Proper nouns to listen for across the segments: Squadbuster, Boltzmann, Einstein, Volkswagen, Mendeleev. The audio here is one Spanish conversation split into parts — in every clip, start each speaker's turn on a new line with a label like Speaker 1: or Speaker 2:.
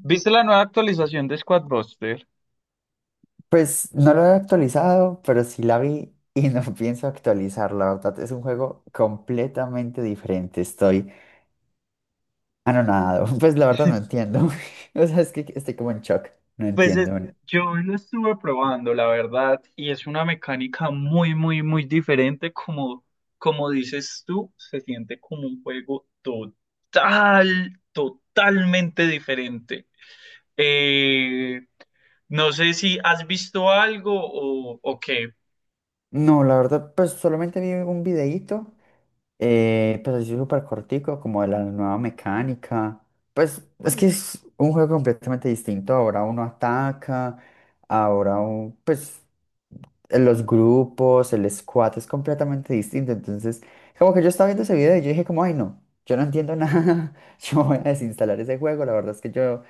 Speaker 1: ¿Viste la nueva actualización de Squadbuster?
Speaker 2: Pues no lo he actualizado, pero sí la vi y no pienso actualizar, la verdad. Es un juego completamente diferente. Estoy anonadado. Pues la verdad no entiendo. O sea, es que estoy como en shock. No
Speaker 1: Pues
Speaker 2: entiendo. No,
Speaker 1: yo lo estuve probando, la verdad, y es una mecánica muy, muy, muy diferente. Como dices tú, se siente como un juego totalmente diferente. Eh, no sé si has visto algo o qué.
Speaker 2: no, la verdad, pues solamente vi un videíto, pues así súper cortico, como de la nueva mecánica. Pues es que es un juego completamente distinto. Ahora uno ataca, pues los grupos, el squat es completamente distinto. Entonces, como que yo estaba viendo ese video y yo dije como, ay no, yo no entiendo nada, yo voy a desinstalar ese juego, la verdad es que yo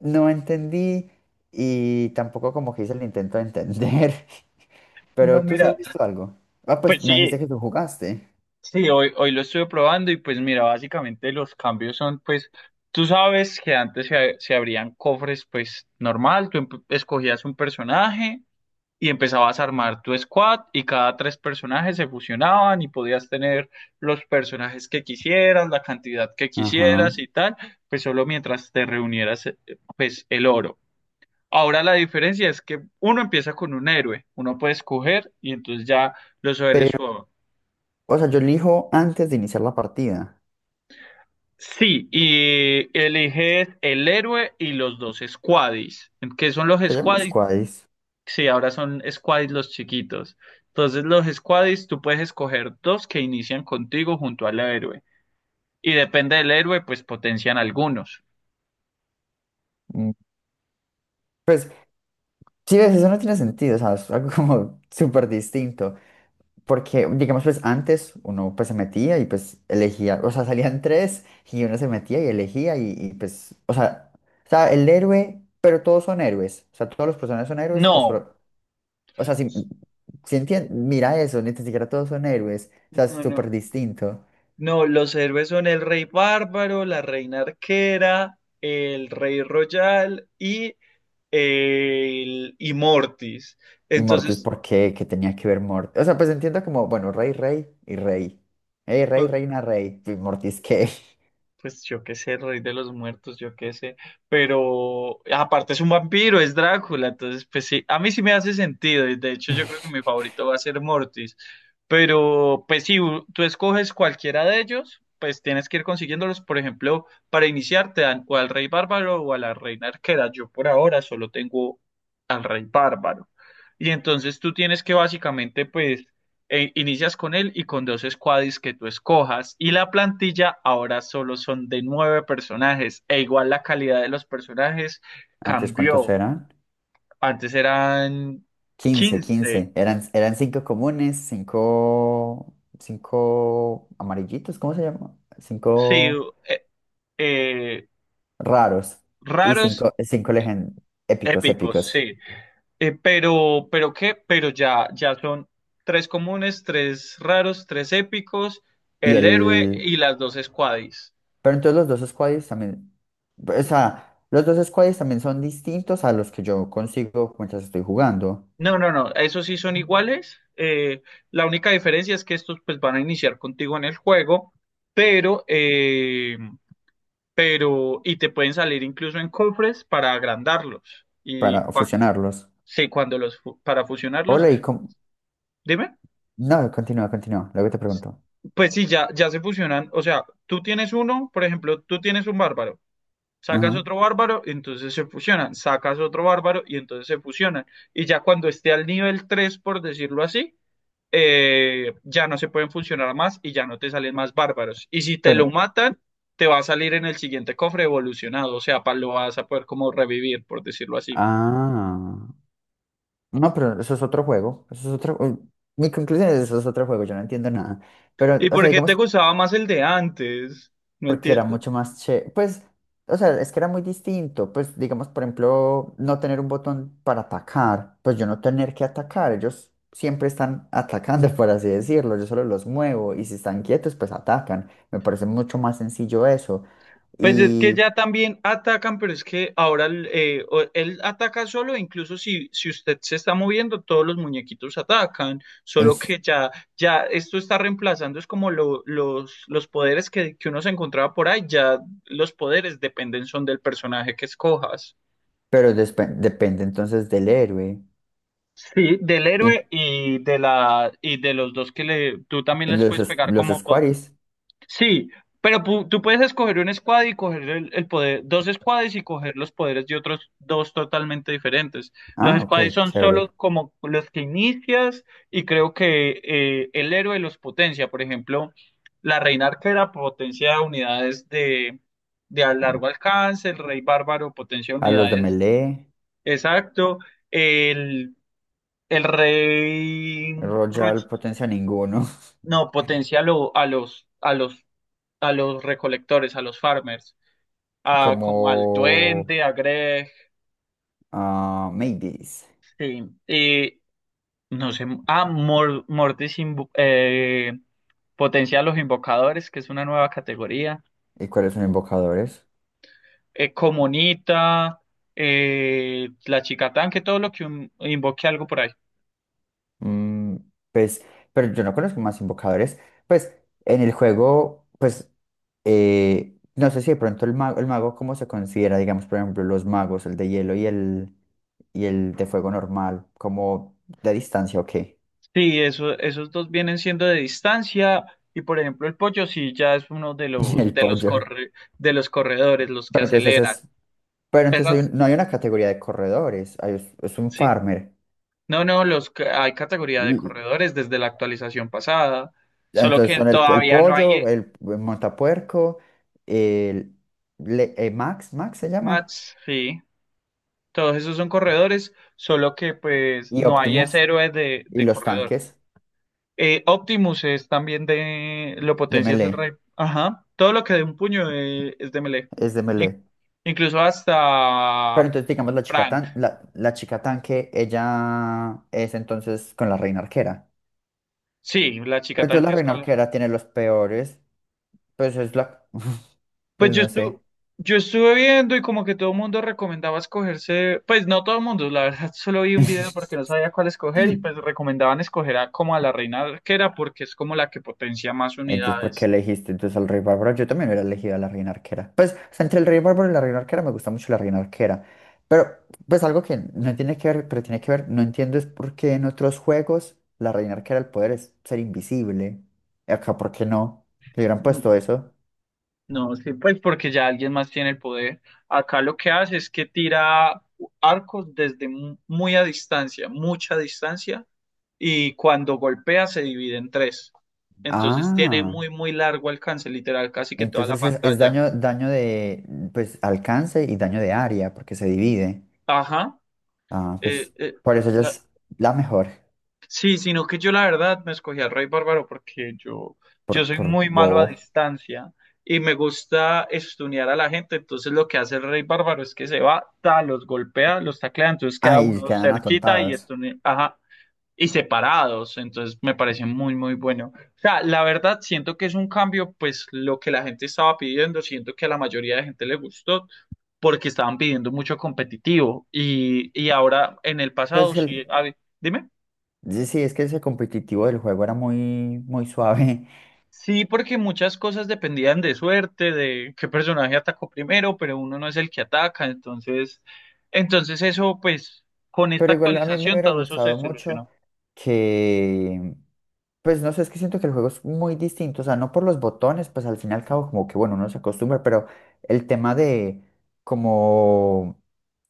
Speaker 2: no entendí y tampoco como que hice el intento de entender,
Speaker 1: No,
Speaker 2: pero tú sí has
Speaker 1: mira,
Speaker 2: visto algo. Ah, pues
Speaker 1: pues
Speaker 2: me dijiste
Speaker 1: sí.
Speaker 2: que tú jugaste.
Speaker 1: Sí, hoy lo estuve probando y pues mira, básicamente los cambios son pues, tú sabes que antes se abrían cofres pues normal, tú escogías un personaje y empezabas a armar tu squad y cada tres personajes se fusionaban y podías tener los personajes que quisieras, la cantidad que
Speaker 2: Ajá.
Speaker 1: quisieras y tal, pues solo mientras te reunieras, pues el oro. Ahora la diferencia es que uno empieza con un héroe, uno puede escoger y entonces ya los héroes.
Speaker 2: Pero, o sea, yo elijo antes de iniciar la partida.
Speaker 1: Sí, y eliges el héroe y los dos squaddies. ¿Qué son los
Speaker 2: Se llaman
Speaker 1: squaddies?
Speaker 2: squads.
Speaker 1: Sí, ahora son squaddies los chiquitos. Entonces, los squaddies, tú puedes escoger dos que inician contigo junto al héroe. Y depende del héroe, pues potencian algunos.
Speaker 2: Mm, Pues, sí, ves, eso no tiene sentido, o sea, es algo como súper distinto. Porque, digamos, pues antes uno pues se metía y pues elegía, o sea, salían tres y uno se metía y elegía pues, o sea, el héroe, pero todos son héroes, o sea, todos los personajes son héroes o
Speaker 1: No,
Speaker 2: solo, o sea, mira eso, ni tan siquiera todos son héroes, o sea, es
Speaker 1: no,
Speaker 2: súper
Speaker 1: no.
Speaker 2: distinto.
Speaker 1: No, los héroes son el rey bárbaro, la reina arquera, el rey royal y el y Mortis.
Speaker 2: Y Mortis,
Speaker 1: Entonces.
Speaker 2: ¿por qué? ¿Qué tenía que ver Mortis? O sea, pues entiendo como, bueno, rey, rey y rey. Hey, rey, reina, rey. ¿Y Mortis qué?
Speaker 1: Pues yo qué sé, rey de los muertos, yo qué sé. Pero aparte es un vampiro, es Drácula. Entonces, pues sí, a mí sí me hace sentido. Y de hecho, yo creo que mi favorito va a ser Mortis. Pero, pues si tú escoges cualquiera de ellos, pues tienes que ir consiguiéndolos. Por ejemplo, para iniciar te dan o al rey bárbaro o a la reina arquera. Yo por ahora solo tengo al rey bárbaro. Y entonces tú tienes que básicamente, pues, inicias con él y con dos squaddies que tú escojas. Y la plantilla ahora solo son de nueve personajes. E igual la calidad de los personajes
Speaker 2: Antes, ¿cuántos
Speaker 1: cambió.
Speaker 2: eran?
Speaker 1: Antes eran
Speaker 2: 15,
Speaker 1: 15.
Speaker 2: 15. Eran cinco comunes, cinco amarillitos, ¿cómo se llama?
Speaker 1: Sí,
Speaker 2: Cinco
Speaker 1: eh, eh,
Speaker 2: raros y
Speaker 1: raros,
Speaker 2: cinco épicos,
Speaker 1: épicos,
Speaker 2: épicos.
Speaker 1: sí. Pero qué, pero ya son tres comunes, tres raros, tres épicos,
Speaker 2: Y
Speaker 1: el héroe
Speaker 2: el...
Speaker 1: y las dos squaddies.
Speaker 2: Pero entonces los dos squaddies también... O sea, los dos squaddies también son distintos a los que yo consigo mientras estoy jugando
Speaker 1: No, no, no, esos sí son iguales. La única diferencia es que estos pues van a iniciar contigo en el juego, pero, y te pueden salir incluso en cofres para agrandarlos. Y
Speaker 2: para
Speaker 1: cuando,
Speaker 2: fusionarlos.
Speaker 1: sí, para fusionarlos,
Speaker 2: Hola,
Speaker 1: dime,
Speaker 2: no, continúa, continúa. Luego te pregunto.
Speaker 1: pues sí, ya se fusionan. O sea, tú tienes uno, por ejemplo, tú tienes un bárbaro, sacas
Speaker 2: Ajá.
Speaker 1: otro bárbaro, entonces se fusionan, sacas otro bárbaro y entonces se fusionan. Y ya cuando esté al nivel 3, por decirlo así, ya no se pueden funcionar más y ya no te salen más bárbaros. Y si te lo
Speaker 2: Pero...
Speaker 1: matan, te va a salir en el siguiente cofre evolucionado, o sea, lo vas a poder como revivir, por decirlo así.
Speaker 2: Ah. No, pero eso es otro juego. Mi conclusión es eso es otro juego, yo no entiendo nada. Pero,
Speaker 1: ¿Y
Speaker 2: o sea,
Speaker 1: por qué te
Speaker 2: digamos,
Speaker 1: gustaba más el de antes? No
Speaker 2: porque era
Speaker 1: entiendo.
Speaker 2: mucho más che. Pues, o sea, es que era muy distinto. Pues, digamos, por ejemplo, no tener un botón para atacar. Pues yo no tener que atacar. Ellos siempre están atacando, por así decirlo. Yo solo los muevo y si están quietos, pues atacan. Me parece mucho más sencillo eso.
Speaker 1: Pues es que
Speaker 2: Y...
Speaker 1: ya también atacan, pero es que ahora él ataca solo, incluso si usted se está moviendo, todos los muñequitos atacan, solo
Speaker 2: es-
Speaker 1: que ya esto está reemplazando, es como los poderes que uno se encontraba por ahí, ya los poderes dependen son del personaje que escojas.
Speaker 2: Pero depende entonces del héroe.
Speaker 1: Sí, del
Speaker 2: Y
Speaker 1: héroe y y de los dos que le, tú también les puedes pegar
Speaker 2: los
Speaker 1: como...
Speaker 2: squares.
Speaker 1: Sí, pero tú puedes escoger un squad y coger el poder, dos squads y coger los poderes de otros dos totalmente diferentes. Los
Speaker 2: Ah, ok,
Speaker 1: squads son
Speaker 2: chévere.
Speaker 1: solo como los que inicias y creo que, el héroe los potencia. Por ejemplo, la reina arquera potencia unidades de a largo alcance, el rey bárbaro potencia
Speaker 2: A los de
Speaker 1: unidades.
Speaker 2: melee,
Speaker 1: Exacto. El, el rey Rush,
Speaker 2: Royal potencia ninguno.
Speaker 1: no, potencia a los a los recolectores, a los farmers, a como al
Speaker 2: Como
Speaker 1: duende, a Greg,
Speaker 2: a Mavis.
Speaker 1: sí, y no sé, a Mortis potencia a los invocadores, que es una nueva categoría,
Speaker 2: ¿Y cuáles son invocadores?
Speaker 1: Comunita, la chica tanque, todo lo que invoque algo por ahí.
Speaker 2: Mm, pues, pero yo no conozco más invocadores. Pues en el juego, pues no sé si de pronto el mago, cómo se considera, digamos, por ejemplo, los magos, el de hielo y el de fuego normal, como de distancia o qué.
Speaker 1: Sí, eso, esos dos vienen siendo de distancia. Y por ejemplo, el pollo sí ya es uno
Speaker 2: El pollo.
Speaker 1: de los corredores, los que
Speaker 2: Pero entonces
Speaker 1: aceleran.
Speaker 2: es, pero entonces
Speaker 1: Esas,
Speaker 2: no hay una categoría de corredores, es un
Speaker 1: sí.
Speaker 2: farmer.
Speaker 1: No, no, hay categoría de
Speaker 2: Mm,
Speaker 1: corredores desde la actualización pasada, solo
Speaker 2: Entonces
Speaker 1: que
Speaker 2: son el
Speaker 1: todavía no hay,
Speaker 2: pollo, el montapuerco, el Max se llama,
Speaker 1: mats, sí, todos esos son corredores, solo que pues
Speaker 2: y
Speaker 1: no hay ese
Speaker 2: Optimus,
Speaker 1: héroe de,
Speaker 2: y
Speaker 1: de
Speaker 2: los
Speaker 1: corredor.
Speaker 2: tanques
Speaker 1: Optimus es también lo
Speaker 2: de
Speaker 1: potencia es el rey,
Speaker 2: melee,
Speaker 1: ajá, todo lo que de un puño, es de melee,
Speaker 2: es de
Speaker 1: In-
Speaker 2: melee.
Speaker 1: incluso
Speaker 2: Pero
Speaker 1: hasta
Speaker 2: entonces digamos la chica,
Speaker 1: Frank,
Speaker 2: tan, la, la chica tanque, ella es entonces con la reina arquera.
Speaker 1: sí, la chica
Speaker 2: Pero entonces la
Speaker 1: tanque es
Speaker 2: reina
Speaker 1: con la...
Speaker 2: arquera tiene los peores, pues es la,
Speaker 1: Pues
Speaker 2: pues
Speaker 1: yo
Speaker 2: no
Speaker 1: estuve,
Speaker 2: sé.
Speaker 1: yo estuve viendo y como que todo el mundo recomendaba escogerse, pues no todo el mundo, la verdad, solo vi un video porque no sabía cuál escoger y pues recomendaban escoger como a la reina arquera porque es como la que potencia más
Speaker 2: Entonces, ¿por qué
Speaker 1: unidades.
Speaker 2: elegiste entonces al rey bárbaro? Yo también hubiera elegido a la reina arquera. Pues, o sea, entre el rey bárbaro y la reina arquera me gusta mucho la reina arquera. Pero, pues algo que no tiene que ver, pero tiene que ver, no entiendo es por qué en otros juegos la reina arquera el poder es ser invisible. Y acá, ¿por qué no? Le hubieran
Speaker 1: Mm,
Speaker 2: puesto eso.
Speaker 1: No, sí, pues porque ya alguien más tiene el poder. Acá lo que hace es que tira arcos desde muy a distancia, mucha distancia, y cuando golpea se divide en tres. Entonces tiene
Speaker 2: Ah,
Speaker 1: muy, muy largo alcance, literal, casi que toda la
Speaker 2: entonces es,
Speaker 1: pantalla.
Speaker 2: daño, de, pues, alcance y daño de área, porque se divide.
Speaker 1: Ajá.
Speaker 2: Ah,
Speaker 1: eh,
Speaker 2: pues,
Speaker 1: eh,
Speaker 2: por eso ella
Speaker 1: la-
Speaker 2: es la mejor,
Speaker 1: sí, sino que yo la verdad me escogí al Rey Bárbaro porque yo soy
Speaker 2: por
Speaker 1: muy malo a
Speaker 2: bobo.
Speaker 1: distancia y me gusta estunear a la gente. Entonces lo que hace el Rey Bárbaro es que se va, ta, los golpea, los taclea, entonces queda
Speaker 2: Ay,
Speaker 1: uno
Speaker 2: quedan
Speaker 1: cerquita y
Speaker 2: atontados.
Speaker 1: estunea, ajá, y separados. Entonces me parece muy, muy bueno. O sea, la verdad siento que es un cambio, pues lo que la gente estaba pidiendo, siento que a la mayoría de gente le gustó porque estaban pidiendo mucho competitivo y ahora en el pasado
Speaker 2: Pues
Speaker 1: sí,
Speaker 2: el,
Speaker 1: a ver, dime.
Speaker 2: Sí, sí, es que ese competitivo del juego era muy, muy suave,
Speaker 1: Sí, porque muchas cosas dependían de suerte, de qué personaje atacó primero, pero uno no es el que ataca, entonces, eso, pues, con esta
Speaker 2: pero igual a mí me
Speaker 1: actualización
Speaker 2: hubiera
Speaker 1: todo eso se
Speaker 2: gustado mucho
Speaker 1: solucionó.
Speaker 2: que, pues no sé, es que siento que el juego es muy distinto, o sea, no por los botones, pues al fin y al cabo como que bueno, uno se acostumbra, pero el tema de como,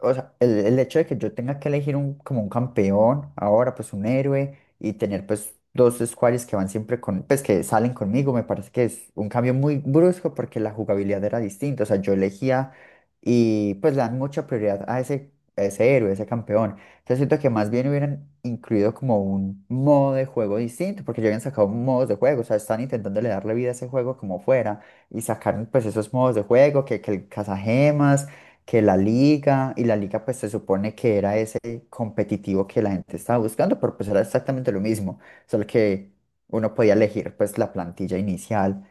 Speaker 2: o sea, el hecho de que yo tenga que elegir un, como un campeón ahora, pues un héroe y tener pues dos squares que van siempre con, pues que salen conmigo, me parece que es un cambio muy brusco porque la jugabilidad era distinta. O sea, yo elegía y pues le dan mucha prioridad a ese héroe, a ese campeón. Entonces siento que más bien hubieran incluido como un modo de juego distinto porque ya habían sacado modos de juego. O sea, están intentando darle vida a ese juego como fuera y sacaron pues esos modos de juego que el cazagemas que la liga, y la liga pues se supone que era ese competitivo que la gente estaba buscando, pero pues era exactamente lo mismo, solo que uno podía elegir pues la plantilla inicial.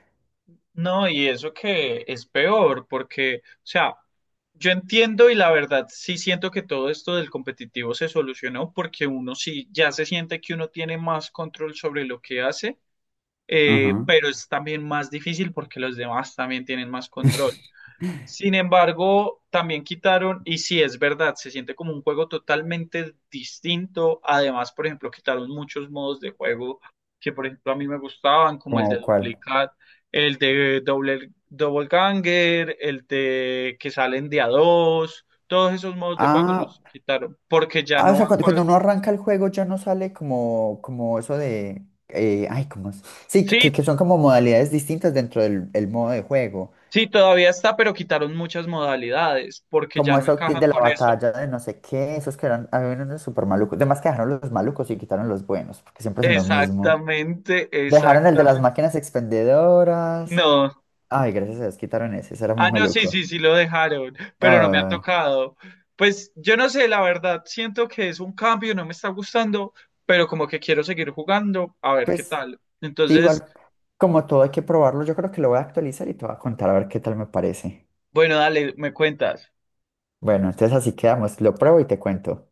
Speaker 1: No, y eso que es peor, porque, o sea, yo entiendo y la verdad sí siento que todo esto del competitivo se solucionó porque uno sí ya se siente que uno tiene más control sobre lo que hace,
Speaker 2: Ajá.
Speaker 1: pero es también más difícil porque los demás también tienen más control. Sin embargo, también quitaron, y sí es verdad, se siente como un juego totalmente distinto. Además, por ejemplo, quitaron muchos modos de juego que, por ejemplo, a mí me gustaban, como el de
Speaker 2: ¿Como cuál?
Speaker 1: duplicar, el de doble, double ganger, el de que salen de a dos, todos esos modos de juego
Speaker 2: Ah,
Speaker 1: los quitaron porque ya
Speaker 2: ah, o
Speaker 1: no
Speaker 2: sea,
Speaker 1: van con...
Speaker 2: cuando uno arranca el juego ya no sale como, eso de, ay, ¿cómo es? Sí,
Speaker 1: Sí.
Speaker 2: que son como modalidades distintas dentro del el modo de juego.
Speaker 1: Sí, todavía está, pero quitaron muchas modalidades porque ya
Speaker 2: Como
Speaker 1: no
Speaker 2: eso
Speaker 1: encajan
Speaker 2: de la
Speaker 1: con eso.
Speaker 2: batalla de no sé qué, esos que eran, había unos súper malucos. Además que dejaron los malucos y quitaron los buenos, porque siempre es lo mismo.
Speaker 1: Exactamente,
Speaker 2: Dejaron el de las
Speaker 1: exactamente.
Speaker 2: máquinas expendedoras.
Speaker 1: No.
Speaker 2: Ay, gracias a Dios quitaron ese, ese era muy
Speaker 1: Ah, no, sí,
Speaker 2: maluco.
Speaker 1: sí, sí lo dejaron, pero no me ha
Speaker 2: Ah,
Speaker 1: tocado. Pues yo no sé, la verdad, siento que es un cambio, no me está gustando, pero como que quiero seguir jugando, a ver qué
Speaker 2: pues,
Speaker 1: tal.
Speaker 2: sí,
Speaker 1: Entonces,
Speaker 2: igual, como todo hay que probarlo, yo creo que lo voy a actualizar y te voy a contar a ver qué tal me parece.
Speaker 1: bueno, dale, me cuentas.
Speaker 2: Bueno, entonces así quedamos, lo pruebo y te cuento.